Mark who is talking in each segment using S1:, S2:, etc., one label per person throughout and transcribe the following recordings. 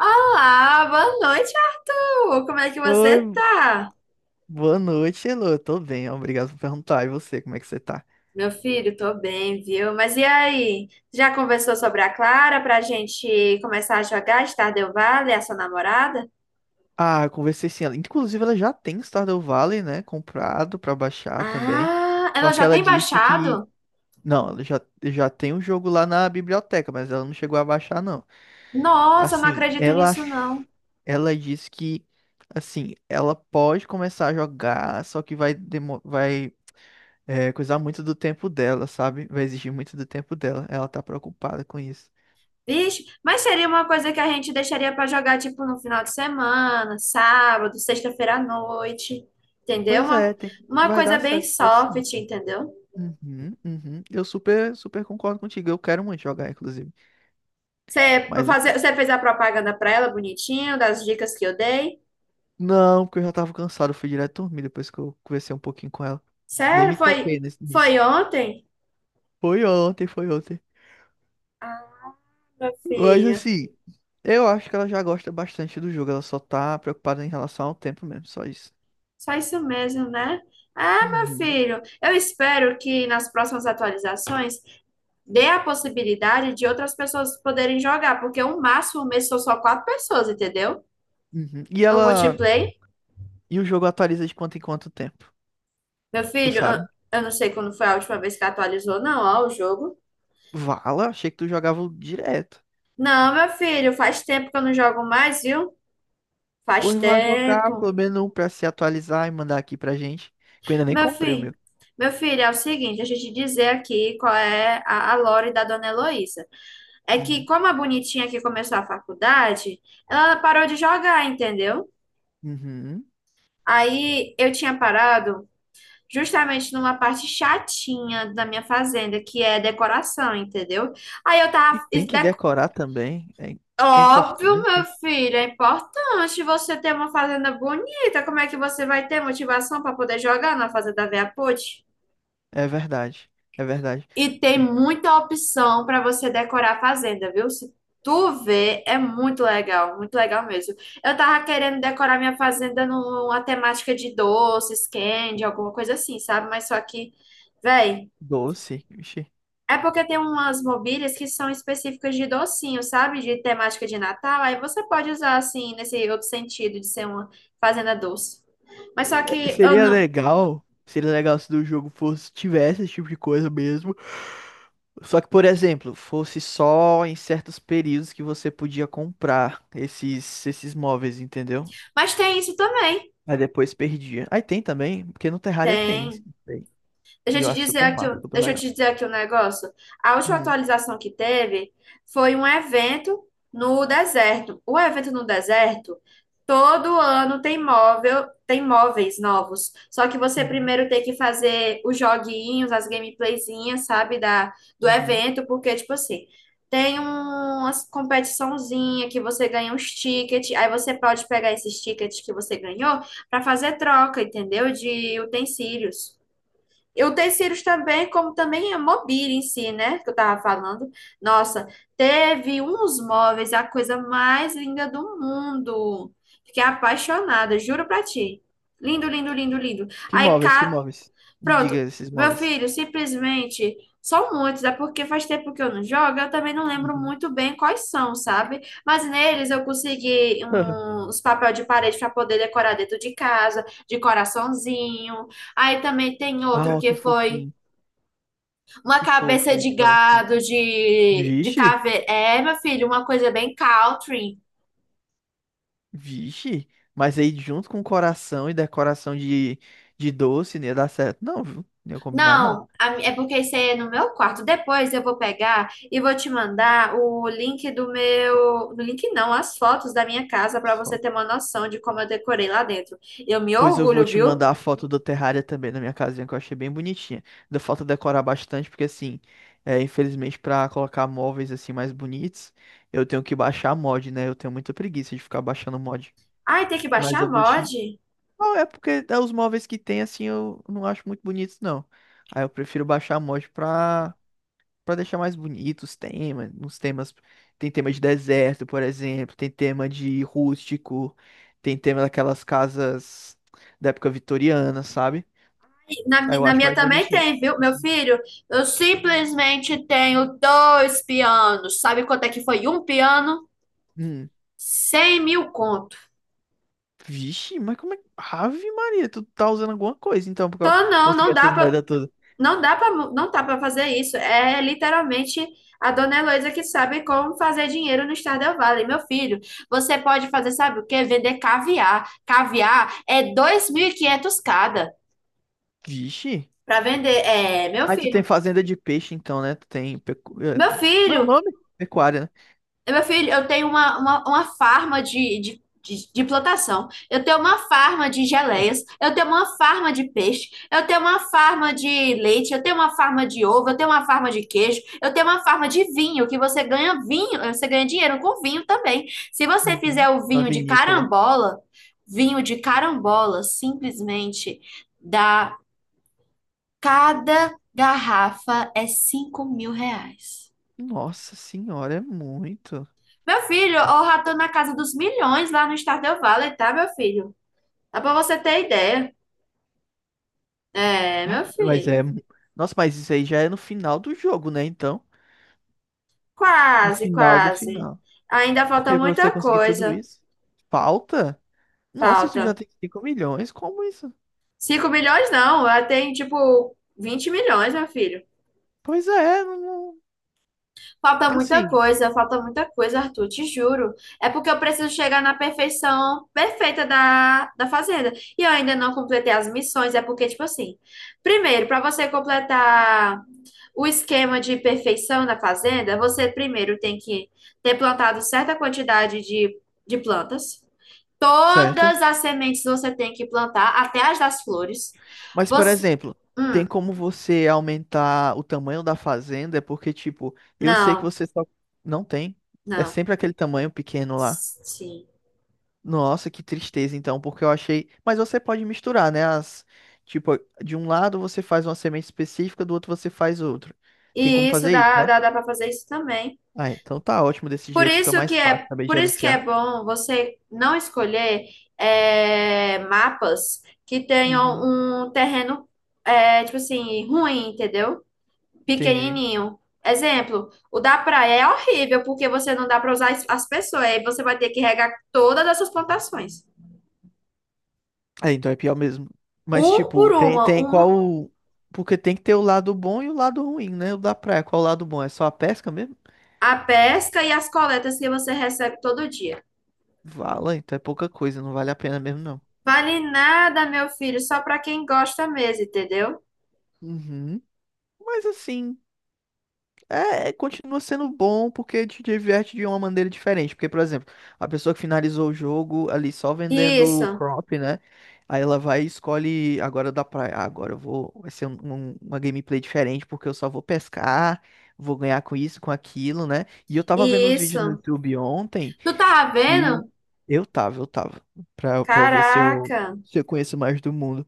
S1: Olá, boa noite, Arthur! Como é que você
S2: Oi,
S1: tá?
S2: boa noite, Elô. Eu tô bem, obrigado por perguntar. E você, como é que você tá?
S1: Meu filho, tô bem, viu? Mas e aí? Já conversou sobre a Clara pra gente começar a jogar Stardew Valley, a sua namorada?
S2: Ah, eu conversei sim. Inclusive, ela já tem Stardew Valley, né? Comprado pra baixar também.
S1: Ah,
S2: Só
S1: ela
S2: que
S1: já
S2: ela
S1: tem
S2: disse que.
S1: baixado?
S2: Não, ela já tem o jogo lá na biblioteca, mas ela não chegou a baixar, não.
S1: Nossa, eu não
S2: Assim,
S1: acredito nisso, não.
S2: ela disse que. Assim, ela pode começar a jogar, só que vai coisar muito do tempo dela, sabe? Vai exigir muito do tempo dela. Ela tá preocupada com isso.
S1: Vixe, mas seria uma coisa que a gente deixaria pra jogar, tipo, no final de semana, sábado, sexta-feira à noite, entendeu?
S2: Pois
S1: Uma,
S2: é,
S1: uma
S2: vai
S1: coisa
S2: dar
S1: bem
S2: certo se for assim.
S1: soft, entendeu?
S2: Uhum, uhum. Eu super concordo contigo. Eu quero muito jogar, inclusive.
S1: Você, por
S2: Mas
S1: fazer,
S2: assim,
S1: você fez a propaganda pra ela bonitinho, das dicas que eu dei?
S2: não, porque eu já tava cansado. Eu fui direto dormir depois que eu conversei um pouquinho com ela. Nem
S1: Sério?
S2: me
S1: Foi,
S2: toquei nisso.
S1: foi ontem?
S2: Foi ontem.
S1: Ah, meu
S2: Mas
S1: filho.
S2: assim, eu acho que ela já gosta bastante do jogo. Ela só tá preocupada em relação ao tempo mesmo, só isso.
S1: Só isso mesmo, né? Ah, meu
S2: Uhum,
S1: filho. Eu espero que nas próximas atualizações dê a possibilidade de outras pessoas poderem jogar, porque o máximo mesmo são só quatro pessoas, entendeu?
S2: uhum. E
S1: No
S2: ela.
S1: multiplayer.
S2: E o jogo atualiza de quanto em quanto tempo?
S1: Meu
S2: Tu
S1: filho, eu,
S2: sabe?
S1: eu não sei quando foi a última vez que atualizou, não, ó, o jogo.
S2: Vala, achei que tu jogava direto.
S1: Não, meu filho, faz tempo que eu não jogo mais, viu? Faz
S2: Pois vai jogar
S1: tempo.
S2: pelo menos um pra se atualizar e mandar aqui pra gente. Que eu ainda nem
S1: Meu
S2: comprei o meu.
S1: filho, meu filho, é o seguinte, deixa eu te dizer aqui qual é a lore da dona Heloísa. É que
S2: Uhum.
S1: como a bonitinha que começou a faculdade, ela parou de jogar, entendeu?
S2: Uhum.
S1: Aí eu tinha parado justamente numa parte chatinha da minha fazenda, que é decoração, entendeu? Aí eu
S2: E
S1: tava... e
S2: tem que
S1: de-
S2: decorar também. É, é
S1: Óbvio, meu
S2: importante.
S1: filho, é importante você ter uma fazenda bonita. Como é que você vai ter motivação para poder jogar na fazenda Veaput?
S2: É verdade. É verdade.
S1: E tem muita opção para você decorar a fazenda, viu? Se tu vê, é muito legal mesmo. Eu tava querendo decorar minha fazenda numa temática de doces, candy, alguma coisa assim, sabe? Mas só que, véi,
S2: Doce. Vixe.
S1: é porque tem umas mobílias que são específicas de docinho, sabe? De temática de Natal. Aí você pode usar assim, nesse outro sentido de ser uma fazenda doce. Mas só
S2: É,
S1: que eu
S2: seria
S1: não.
S2: legal. Seria legal se do jogo fosse, tivesse esse tipo de coisa mesmo. Só que, por exemplo, fosse só em certos períodos que você podia comprar esses móveis, entendeu?
S1: Mas tem isso também.
S2: Aí depois perdia. Aí tem também, porque no Terraria tem.
S1: Tem.
S2: Tem.
S1: Deixa
S2: E
S1: eu
S2: eu
S1: te
S2: acho
S1: dizer
S2: super
S1: aqui,
S2: massa,
S1: um-
S2: super
S1: deixa eu
S2: legal.
S1: te dizer aqui um negócio. A última
S2: Uhum,
S1: atualização que teve foi um evento no deserto. O evento no deserto, todo ano tem móvel, tem móveis novos. Só que você
S2: uhum,
S1: primeiro tem que fazer os joguinhos, as gameplayzinhas, sabe, do
S2: uhum.
S1: evento, porque, tipo assim, tem uma competiçãozinha que você ganha uns tickets, aí você pode pegar esses tickets que você ganhou para fazer troca, entendeu? De utensílios. E o Terceiros também, como também a mobília em si, né? Que eu tava falando. Nossa, teve uns móveis, a coisa mais linda do mundo. Fiquei apaixonada, juro pra ti. Lindo, lindo, lindo, lindo.
S2: Que
S1: Aí
S2: móveis, que móveis? Me diga
S1: Pronto,
S2: esses
S1: meu
S2: móveis.
S1: filho, simplesmente são muitos, é porque faz tempo que eu não jogo, eu também não lembro
S2: Uhum.
S1: muito bem quais são, sabe? Mas neles eu consegui uns papéis de parede para poder decorar dentro de casa, de coraçãozinho. Aí também tem
S2: Ah,
S1: outro
S2: ó, que
S1: que foi
S2: fofinho.
S1: uma
S2: Que
S1: cabeça
S2: fofo
S1: de
S2: de coração.
S1: gado, de
S2: Vixe,
S1: caveira. É, meu filho, uma coisa bem country.
S2: vixe. Mas aí junto com coração e decoração de doce, não ia dar certo. Não, viu? Não ia combinar, não.
S1: Não, é porque isso aí é no meu quarto. Depois eu vou pegar e vou te mandar o link do meu. No link não, as fotos da minha casa
S2: As
S1: para você ter
S2: fotos.
S1: uma noção de como eu decorei lá dentro. Eu me
S2: Pois eu vou
S1: orgulho,
S2: te
S1: viu?
S2: mandar a foto do terrário também na minha casinha, que eu achei bem bonitinha. Deu falta decorar bastante, porque assim, é, infelizmente pra colocar móveis assim mais bonitos, eu tenho que baixar mod, né? Eu tenho muita preguiça de ficar baixando mod.
S1: Ai, tem que
S2: Mas
S1: baixar a
S2: eu vou
S1: mod.
S2: te. Não, é porque é os móveis que tem, assim, eu não acho muito bonitos, não. Aí eu prefiro baixar a mod pra, pra deixar mais bonitos os temas. Uns temas. Tem tema de deserto, por exemplo. Tem tema de rústico. Tem tema daquelas casas da época vitoriana, sabe?
S1: Ai, Na,
S2: Aí
S1: mi-
S2: eu
S1: na
S2: acho
S1: minha
S2: mais
S1: também
S2: bonitinho.
S1: tem, viu, meu
S2: Esses-
S1: filho? Eu simplesmente tenho dois pianos. Sabe quanto é que foi um piano?
S2: Hum.
S1: 100.000 conto.
S2: Vixe, mas como é. Que. Ave Maria, tu tá usando alguma coisa então pra
S1: Então, não,
S2: conseguir
S1: não dá
S2: essas
S1: para
S2: merda todas.
S1: Não dá para não dá para fazer isso. É literalmente a dona Heloísa que sabe como fazer dinheiro no Stardew Valley. Meu filho, você pode fazer, sabe o quê? Vender caviar. Caviar é 2.500 cada
S2: Vixe.
S1: para vender. É, meu
S2: Aí tu tem
S1: filho.
S2: fazenda de peixe, então, né? Tu tem. Pecu... é,
S1: Meu
S2: como é o
S1: filho,
S2: nome? Pecuária, né?
S1: Meu filho, eu tenho uma farma de plantação, eu tenho uma farma de geleias, eu tenho uma farma de peixe, eu tenho uma farma de leite, eu tenho uma farma de ovo, eu tenho uma farma de queijo, eu tenho uma farma de vinho, que você ganha vinho, você ganha dinheiro com vinho também. Se você
S2: Uhum.
S1: fizer o
S2: Uma vinícola.
S1: vinho de carambola, simplesmente dá cada garrafa é R$ 5.000.
S2: Nossa senhora, é muito.
S1: Meu filho, o rato na casa dos milhões lá no Stardew Valley, tá, meu filho? Dá pra você ter ideia. É,
S2: Ah,
S1: meu filho.
S2: Nossa, mas isso aí já é no final do jogo, né? Então. No
S1: Quase,
S2: final do
S1: quase.
S2: final.
S1: Ainda falta
S2: Porque pra você
S1: muita
S2: conseguir tudo
S1: coisa.
S2: isso, falta? Nossa, isso já
S1: Falta.
S2: tem 5 milhões? Como isso?
S1: 5 milhões não, ela tem tipo 20 milhões, meu filho.
S2: Pois é, não... não- assim.
S1: Falta muita coisa, Arthur, te juro. É porque eu preciso chegar na perfeição perfeita da fazenda. E eu ainda não completei as missões, é porque, tipo assim, primeiro, pra você completar. O esquema de perfeição na fazenda, você primeiro tem que ter plantado certa quantidade de plantas.
S2: Certo.
S1: Todas as sementes você tem que plantar, até as das flores.
S2: Mas, por
S1: Você.
S2: exemplo, tem
S1: Hum,
S2: como você aumentar o tamanho da fazenda? É porque, tipo, eu sei que
S1: não,
S2: você só. Não tem. É
S1: não.
S2: sempre aquele tamanho pequeno lá.
S1: Sim.
S2: Nossa, que tristeza, então, porque eu achei. Mas você pode misturar, né? As... Tipo, de um lado você faz uma semente específica, do outro você faz outro. Tem como
S1: E isso
S2: fazer isso,
S1: dá,
S2: né?
S1: dá, dá para fazer isso também.
S2: Ah, então tá ótimo desse
S1: Por
S2: jeito, fica
S1: isso
S2: mais
S1: que
S2: fácil
S1: é,
S2: saber
S1: por isso que é
S2: gerenciar.
S1: bom você não escolher mapas que tenham
S2: Uhum,
S1: um terreno, tipo assim, ruim, entendeu?
S2: entendi.
S1: Pequenininho. Exemplo, o da praia é horrível porque você não dá para usar as as pessoas, aí você vai ter que regar todas essas plantações,
S2: É, então é pior mesmo. Mas,
S1: um por
S2: tipo,
S1: uma,
S2: tem qual. Porque tem que ter o lado bom e o lado ruim, né? O da praia, qual o lado bom? É só a pesca mesmo?
S1: a pesca e as coletas que você recebe todo dia.
S2: Vala, então é pouca coisa, não vale a pena mesmo, não.
S1: Vale nada, meu filho, só para quem gosta mesmo, entendeu?
S2: Uhum. Mas assim. Continua sendo bom porque te diverte de uma maneira diferente. Porque, por exemplo, a pessoa que finalizou o jogo ali só vendendo
S1: Isso,
S2: crop, né? Aí ela vai e escolhe agora da praia. Ah, agora eu vou. Vai ser uma gameplay diferente porque eu só vou pescar, vou ganhar com isso, com aquilo, né? E eu tava vendo uns vídeos no
S1: isso.
S2: YouTube ontem
S1: Tu tá
S2: que
S1: vendo?
S2: eu tava, eu tava, pra, pra eu ver se eu,
S1: Caraca,
S2: se eu conheço mais do mundo.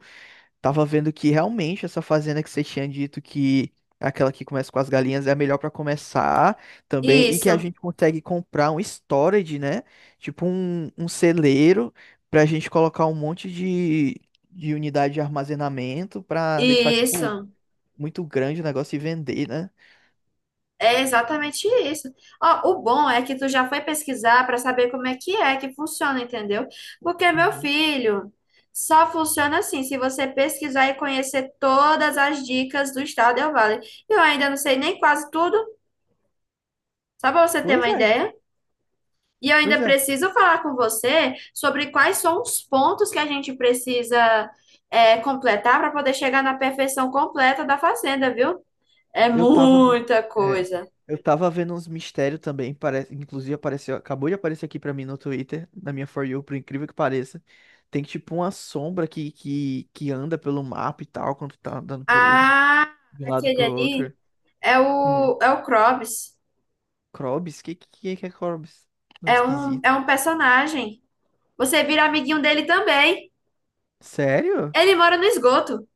S2: Tava vendo que realmente essa fazenda que você tinha dito que é aquela que começa com as galinhas é a melhor pra começar também e que a
S1: isso,
S2: gente consegue comprar um storage, né? Tipo um, um celeiro pra gente colocar um monte de unidade de armazenamento pra deixar tipo
S1: isso.
S2: muito grande o negócio e vender, né?
S1: É exatamente isso. Ó, o bom é que tu já foi pesquisar para saber como é que funciona, entendeu? Porque, meu
S2: Uhum.
S1: filho, só funciona assim se você pesquisar e conhecer todas as dicas do Estado Del Vale. Eu ainda não sei nem quase tudo, só para você ter
S2: Pois
S1: uma
S2: é,
S1: ideia. E eu
S2: pois
S1: ainda
S2: é.
S1: preciso falar com você sobre quais são os pontos que a gente precisa completar para poder chegar na perfeição completa da fazenda, viu? É
S2: Eu tava, ve-
S1: muita
S2: é,
S1: coisa.
S2: eu tava vendo uns mistérios também, parece, inclusive apareceu, acabou de aparecer aqui pra mim no Twitter, na minha For You, por incrível que pareça. Tem tipo uma sombra que anda pelo mapa e tal, quando tu tá andando por ele,
S1: Ah,
S2: de um lado
S1: aquele
S2: pro
S1: ali.
S2: outro.
S1: É
S2: Hum,
S1: o, é o Krobs.
S2: Krobis? Que é Krobis? Nome
S1: É um,
S2: esquisito.
S1: é um personagem. Você vira amiguinho dele também.
S2: Sério?
S1: Ele mora no esgoto.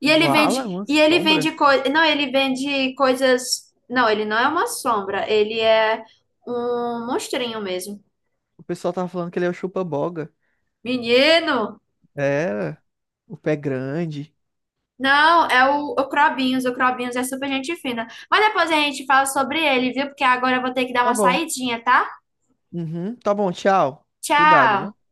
S1: E ele vende,
S2: Vala, uma
S1: e ele
S2: sombra?
S1: vende coisas. Não, ele vende coisas. Não, ele não é uma sombra. Ele é um monstrinho mesmo.
S2: O pessoal tava falando que ele é o chupa-boga.
S1: Menino!
S2: Era, o pé grande.
S1: Não, é o Crobinhos. O Crobinhos é super gente fina. Mas depois a gente fala sobre ele, viu? Porque agora eu vou ter que dar
S2: Tá
S1: uma
S2: bom.
S1: saidinha, tá?
S2: Uhum, tá bom, tchau. Cuidado,
S1: Tchau!
S2: viu?